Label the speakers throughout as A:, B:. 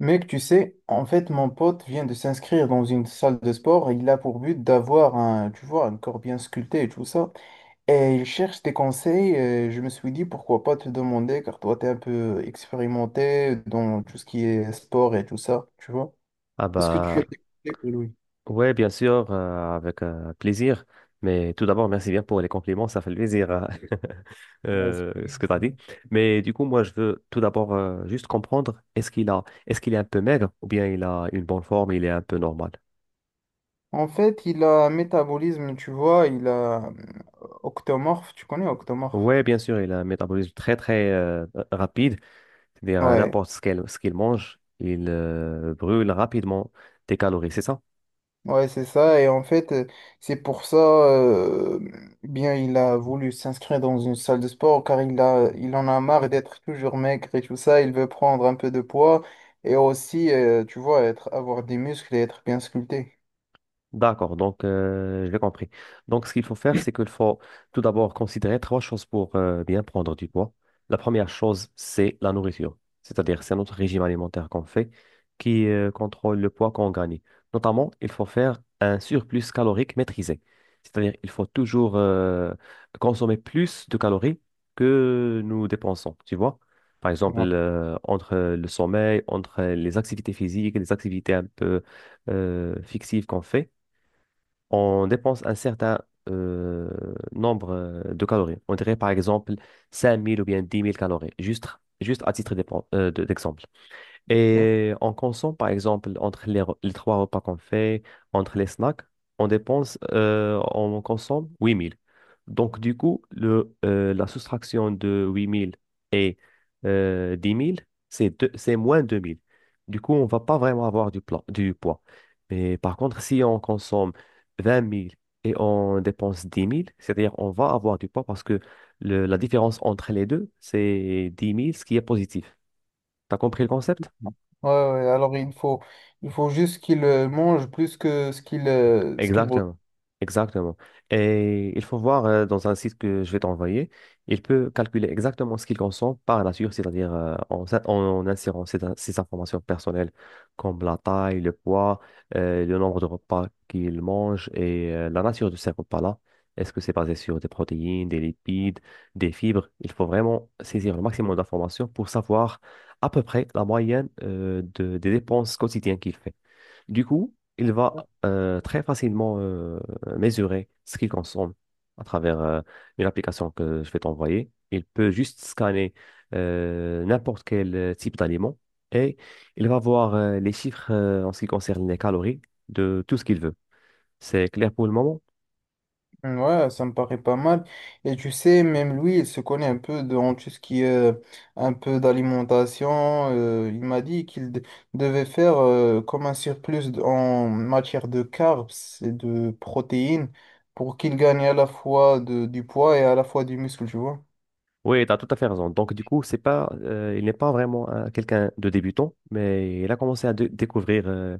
A: Mec, tu sais, en fait, mon pote vient de s'inscrire dans une salle de sport et il a pour but d'avoir un, tu vois, un corps bien sculpté et tout ça. Et il cherche des conseils. Et je me suis dit, pourquoi pas te demander, car toi, t'es un peu expérimenté dans tout ce qui est sport et tout ça, tu vois.
B: Ah
A: Est-ce que tu as
B: bah
A: des conseils pour lui?
B: ouais, bien sûr, avec plaisir. Mais tout d'abord, merci bien pour les compliments, ça fait plaisir
A: Ouais, c'est pas
B: ce que tu as dit.
A: grave.
B: Mais du coup, moi, je veux tout d'abord juste comprendre. Est-ce qu'il est un peu maigre, ou bien il a une bonne forme, il est un peu normal?
A: En fait, il a un métabolisme, tu vois, il a octomorphe, tu connais octomorphe?
B: Ouais, bien sûr, il a un métabolisme très très rapide, c'est-à-dire à
A: Ouais.
B: n'importe ce qu'il mange, il brûle rapidement des calories, c'est ça?
A: Ouais, c'est ça. Et en fait, c'est pour ça, bien, il a voulu s'inscrire dans une salle de sport car il a, il en a marre d'être toujours maigre et tout ça. Il veut prendre un peu de poids et aussi, tu vois, être, avoir des muscles et être bien sculpté.
B: D'accord, donc je l'ai compris. Donc ce qu'il faut faire, c'est qu'il faut tout d'abord considérer trois choses pour bien prendre du poids. La première chose, c'est la nourriture, c'est-à-dire c'est notre régime alimentaire qu'on fait qui contrôle le poids qu'on gagne. Notamment, il faut faire un surplus calorique maîtrisé, c'est-à-dire il faut toujours consommer plus de calories que nous dépensons, tu vois. Par exemple,
A: Ouais.
B: entre le sommeil, entre les activités physiques, les activités un peu fixives qu'on fait, on dépense un certain euh, nombre de calories. On dirait par exemple 5 000 ou bien 10 000 calories, juste à titre d'exemple.
A: Ouais,
B: Et on consomme, par exemple, entre les trois repas qu'on fait, entre les snacks, on consomme 8 000. Donc, du coup, la soustraction de 8 000 et 10 000, c'est moins 2 000. Du coup, on ne va pas vraiment avoir du poids. Mais par contre, si on consomme 20 000 et on dépense 10 000, c'est-à-dire on va avoir du poids parce que la différence entre les deux, c'est 10 000, ce qui est positif. T'as compris le concept?
A: ouais, ouais, alors il faut juste qu'il mange plus que ce qu'il
B: Exactement, exactement. Et il faut voir dans un site que je vais t'envoyer, il peut calculer exactement ce qu'il consomme par nature, c'est-à-dire en insérant ces informations personnelles comme la taille, le poids, le nombre de repas qu'il mange et la nature de ces repas-là. Est-ce que c'est basé sur des protéines, des lipides, des fibres? Il faut vraiment saisir le maximum d'informations pour savoir à peu près la moyenne des dépenses quotidiennes qu'il fait. Du coup, il va très facilement mesurer ce qu'il consomme à travers une application que je vais t'envoyer. Il peut juste scanner n'importe quel type d'aliment, et il va voir les chiffres en ce qui concerne les calories de tout ce qu'il veut. C'est clair pour le moment?
A: ouais, ça me paraît pas mal. Et tu sais, même lui, il se connaît un peu dans tout ce qui est un peu d'alimentation. Il m'a dit qu'il de- devait faire comme un surplus en matière de carbs et de protéines pour qu'il gagne à la fois de, du poids et à la fois du muscle, tu vois.
B: Oui, tu as tout à fait raison. Donc, du coup, c'est pas, il n'est pas vraiment quelqu'un de débutant, mais il a commencé à découvrir euh,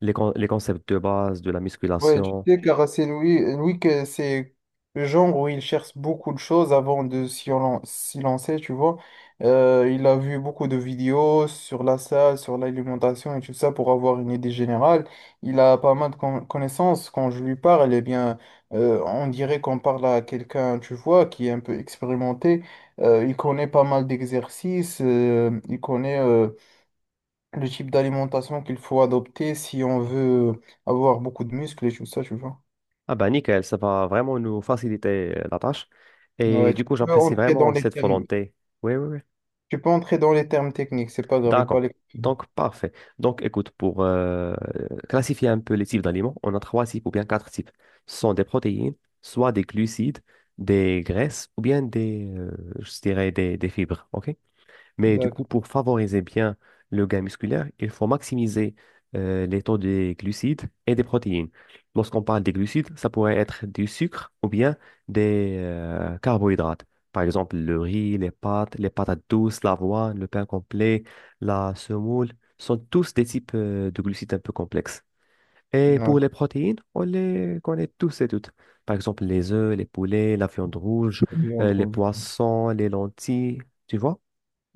B: les, con- les concepts de base de la
A: Ouais, tu
B: musculation.
A: sais, Caracé Louis, Louis, que c'est le genre où il cherche beaucoup de choses avant de s'y lancer, tu vois. Il a vu beaucoup de vidéos sur la salle, sur l'alimentation et tout ça pour avoir une idée générale. Il a pas mal de connaissances. Quand je lui parle, eh bien, on dirait qu'on parle à quelqu'un, tu vois, qui est un peu expérimenté. Il connaît pas mal d'exercices. Il connaît le type d'alimentation qu'il faut adopter si on veut avoir beaucoup de muscles et tout ça, tu vois.
B: Ah bah nickel, ça va vraiment nous faciliter la tâche.
A: Ouais,
B: Et
A: tu
B: du coup,
A: peux
B: j'apprécie
A: entrer dans
B: vraiment
A: les
B: cette
A: termes,
B: volonté. Oui, oui, oui.
A: tu peux entrer dans les termes techniques, c'est pas grave, il va les
B: D'accord.
A: comprendre.
B: Donc, parfait. Donc, écoute, pour classifier un peu les types d'aliments, on a trois types ou bien quatre types. Ce sont des protéines, soit des glucides, des graisses ou bien je dirais, des fibres. OK? Mais du coup,
A: D'accord.
B: pour favoriser bien le gain musculaire, il faut maximiser les taux des glucides et des protéines. Lorsqu'on parle des glucides, ça pourrait être du sucre ou bien des carbohydrates. Par exemple, le riz, les pâtes, les patates douces, l'avoine, le pain complet, la semoule, sont tous des types de glucides un peu complexes. Et
A: Ouais,
B: pour les protéines, on les connaît tous et toutes. Par exemple, les œufs, les poulets, la viande rouge,
A: oui, en
B: les poissons, les lentilles, tu vois?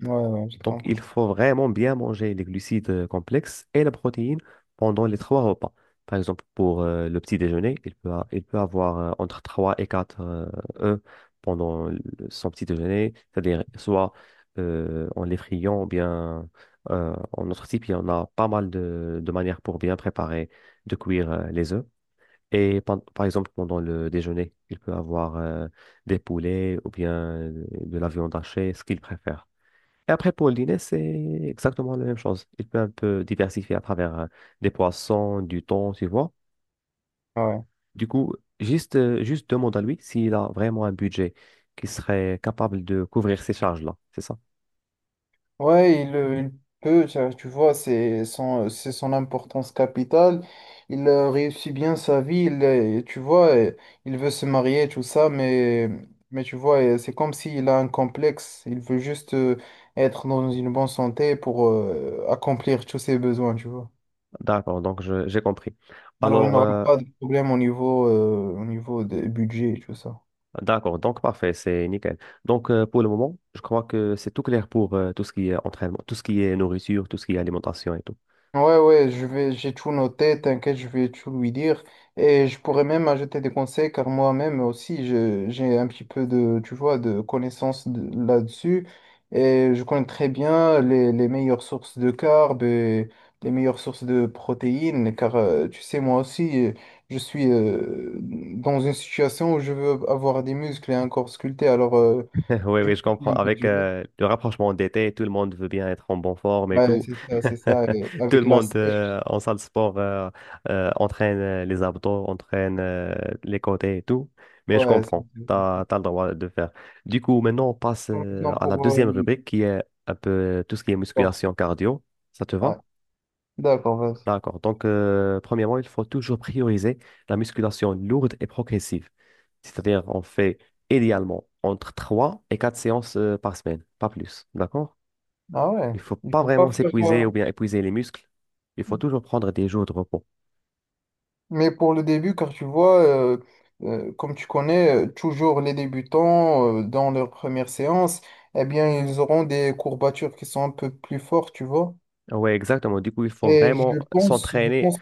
A: ouais, ouais, je te
B: Donc, il
A: comprends.
B: faut vraiment bien manger les glucides complexes et la protéine pendant les trois repas. Par exemple, pour le petit déjeuner, il peut avoir entre 3 et 4 œufs pendant son petit déjeuner, c'est-à-dire soit en les friant ou bien en notre type, il y en a pas mal de manières pour bien préparer, de cuire les œufs. Et par exemple, pendant le déjeuner, il peut avoir des poulets ou bien de la viande hachée, ce qu'il préfère. Et après, pour le dîner, c'est exactement la même chose. Il peut un peu diversifier à travers des poissons, du thon, tu vois.
A: Ouais,
B: Du coup, juste demande à lui s'il a vraiment un budget qui serait capable de couvrir ces charges-là. C'est ça?
A: il peut, ça, tu vois, c'est son importance capitale. Il réussit bien sa vie, il, tu vois, il veut se marier, tout ça, mais tu vois, c'est comme s'il a un complexe. Il veut juste être dans une bonne santé pour accomplir tous ses besoins, tu vois.
B: D'accord, donc j'ai compris.
A: Alors, il n'y
B: Alors,
A: aura
B: euh,
A: pas de problème au niveau des budgets et tout ça.
B: D'accord, donc parfait, c'est nickel. Donc pour le moment, je crois que c'est tout clair pour tout ce qui est entraînement, tout ce qui est nourriture, tout ce qui est alimentation et tout.
A: Ouais, ouais, je vais, j'ai tout noté, t'inquiète, je vais tout lui dire. Et je pourrais même ajouter des conseils, car moi-même aussi, j'ai un petit peu de, tu vois, de connaissances là-dessus. Et je connais très bien les meilleures sources de carbs et les meilleures sources de protéines, car tu sais, moi aussi, je suis dans une situation où je veux avoir des muscles et un corps sculpté. Alors,
B: Oui,
A: je me
B: oui, je
A: connais
B: comprends.
A: un peu.
B: Avec le rapprochement d'été, tout le monde veut bien être en bonne forme et
A: Ouais,
B: tout.
A: c'est ça, c'est ça, et
B: Tout le
A: avec la
B: monde
A: sèche,
B: en salle de sport entraîne les abdos, entraîne les côtés et tout. Mais je
A: ouais.
B: comprends, tu as, le droit de faire. Du coup, maintenant, on passe
A: Bon, maintenant
B: à la
A: pour
B: deuxième
A: le
B: rubrique qui est un peu tout ce qui est
A: sport.
B: musculation cardio. Ça te va?
A: Ouais. D'accord, vas-y.
B: D'accord. Donc, premièrement, il faut toujours prioriser la musculation lourde et progressive. C'est-à-dire, on fait idéalement entre 3 et 4 séances par semaine, pas plus. D'accord?
A: Ah ouais.
B: Il faut
A: Il
B: pas
A: faut pas
B: vraiment
A: faire.
B: s'épuiser ou bien épuiser les muscles. Il faut toujours prendre des jours de repos.
A: Mais pour le début, car tu vois, comme tu connais, toujours les débutants, dans leur première séance, eh bien, ils auront des courbatures qui sont un peu plus fortes, tu vois.
B: Oui, exactement. Du coup, il faut
A: Et
B: vraiment
A: je
B: s'entraîner.
A: pense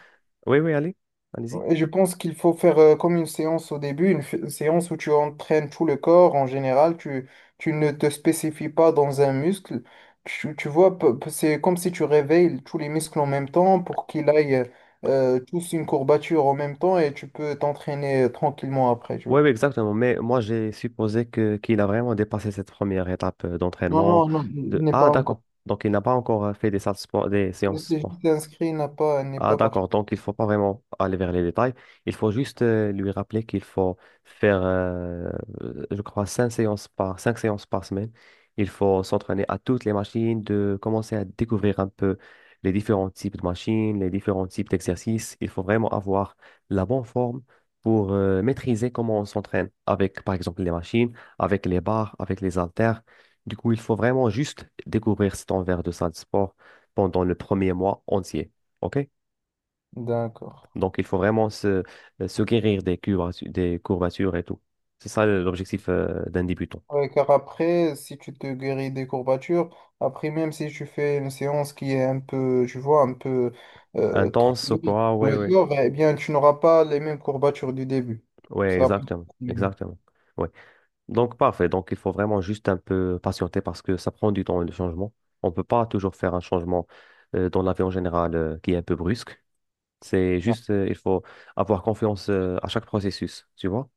B: Oui, oui, allez, allez-y.
A: et je pense qu'il faut faire comme une séance au début, une, une séance où tu entraînes tout le corps en général, tu ne te spécifies pas dans un muscle. Tu vois, c'est comme si tu réveilles tous les muscles en même temps pour qu'ils aillent tous une courbature en même temps et tu peux t'entraîner tranquillement après, tu
B: Oui,
A: vois.
B: oui, exactement. Mais moi, j'ai supposé que qu'il a vraiment dépassé cette première étape
A: Non,
B: d'entraînement.
A: non, non, il
B: De...
A: n'est
B: Ah,
A: pas encore.
B: d'accord. Donc, il n'a pas encore fait des
A: Il
B: séances.
A: s'est juste inscrit, il n'a pas, il n'est
B: Ah,
A: pas parti.
B: d'accord. Donc, il faut pas vraiment aller vers les détails. Il faut juste lui rappeler qu'il faut faire, euh, je crois, cinq séances par semaine. Il faut s'entraîner à toutes les machines, de commencer à découvrir un peu les différents types de machines, les différents types d'exercices. Il faut vraiment avoir la bonne forme pour maîtriser comment on s'entraîne avec, par exemple, les machines, avec les barres, avec les haltères. Du coup, il faut vraiment juste découvrir cet envers de salle de sport pendant le premier mois entier. OK?
A: D'accord.
B: Donc, il faut vraiment se guérir des courbatures et tout. C'est ça l'objectif d'un débutant.
A: Ouais, car après, si tu te guéris des courbatures, après, même si tu fais une séance qui est un peu, tu vois, un peu trop
B: Intense au
A: longue
B: quoi?
A: pour
B: Ouais,
A: le
B: ouais.
A: corps, eh bien, tu n'auras pas les mêmes courbatures du début.
B: Ouais,
A: Ça,
B: exactement.
A: ouais.
B: Exactement. Ouais. Donc, parfait. Donc, il faut vraiment juste un peu patienter parce que ça prend du temps, le changement. On ne peut pas toujours faire un changement dans la vie en général qui est un peu brusque. Il faut avoir confiance à chaque processus, tu vois?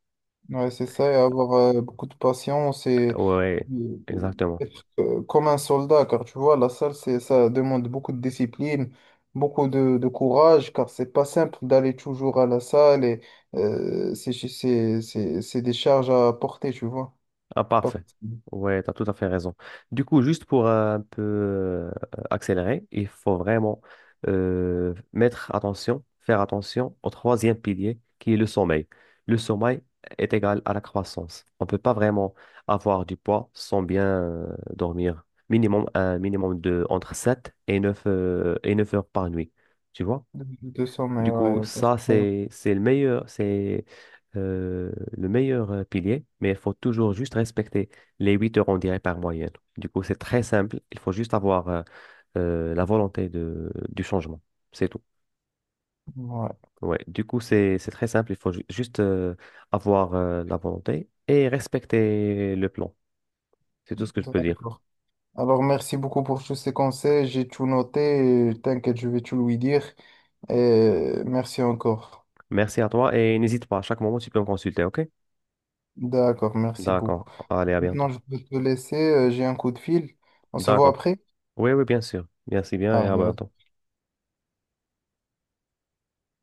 A: Ouais, c'est ça, et avoir beaucoup de patience
B: Ouais,
A: et
B: ouais,
A: euh,
B: exactement.
A: être comme un soldat, car tu vois, la salle, c'est, ça demande beaucoup de discipline, beaucoup de courage, car c'est pas simple d'aller toujours à la salle et c'est des charges à porter, tu vois.
B: Ah,
A: Pas
B: parfait.
A: facile.
B: Ouais, tu as tout à fait raison. Du coup, juste pour un peu accélérer, il faut vraiment faire attention au troisième pilier qui est le sommeil. Le sommeil est égal à la croissance. On ne peut pas vraiment avoir du poids sans bien dormir. Minimum, un minimum de entre 7 et 9 heures par nuit. Tu vois?
A: 200 mais
B: Du coup,
A: ouais. OK, c'est
B: ça,
A: très bien.
B: c'est, c'est le meilleur, c'est euh, le meilleur pilier, mais il faut toujours juste respecter les 8 heures, on dirait, par moyenne. Du coup, c'est très simple. Il faut juste avoir la volonté du changement. C'est tout.
A: Ouais,
B: Ouais. Du coup, c'est très simple. Il faut juste avoir la volonté et respecter le plan. C'est tout ce que je peux dire.
A: d'accord. Alors, merci beaucoup pour tous ces conseils, j'ai tout noté, et t'inquiète, je vais tout lui dire. Et merci encore.
B: Merci à toi et n'hésite pas, à chaque moment, tu peux me consulter, OK?
A: D'accord, merci beaucoup.
B: D'accord. Allez, à
A: Maintenant,
B: bientôt.
A: je peux te laisser, j'ai un coup de fil. On se voit
B: D'accord.
A: après.
B: Oui, oui, bien sûr. Merci bien et
A: Ah,
B: à bientôt.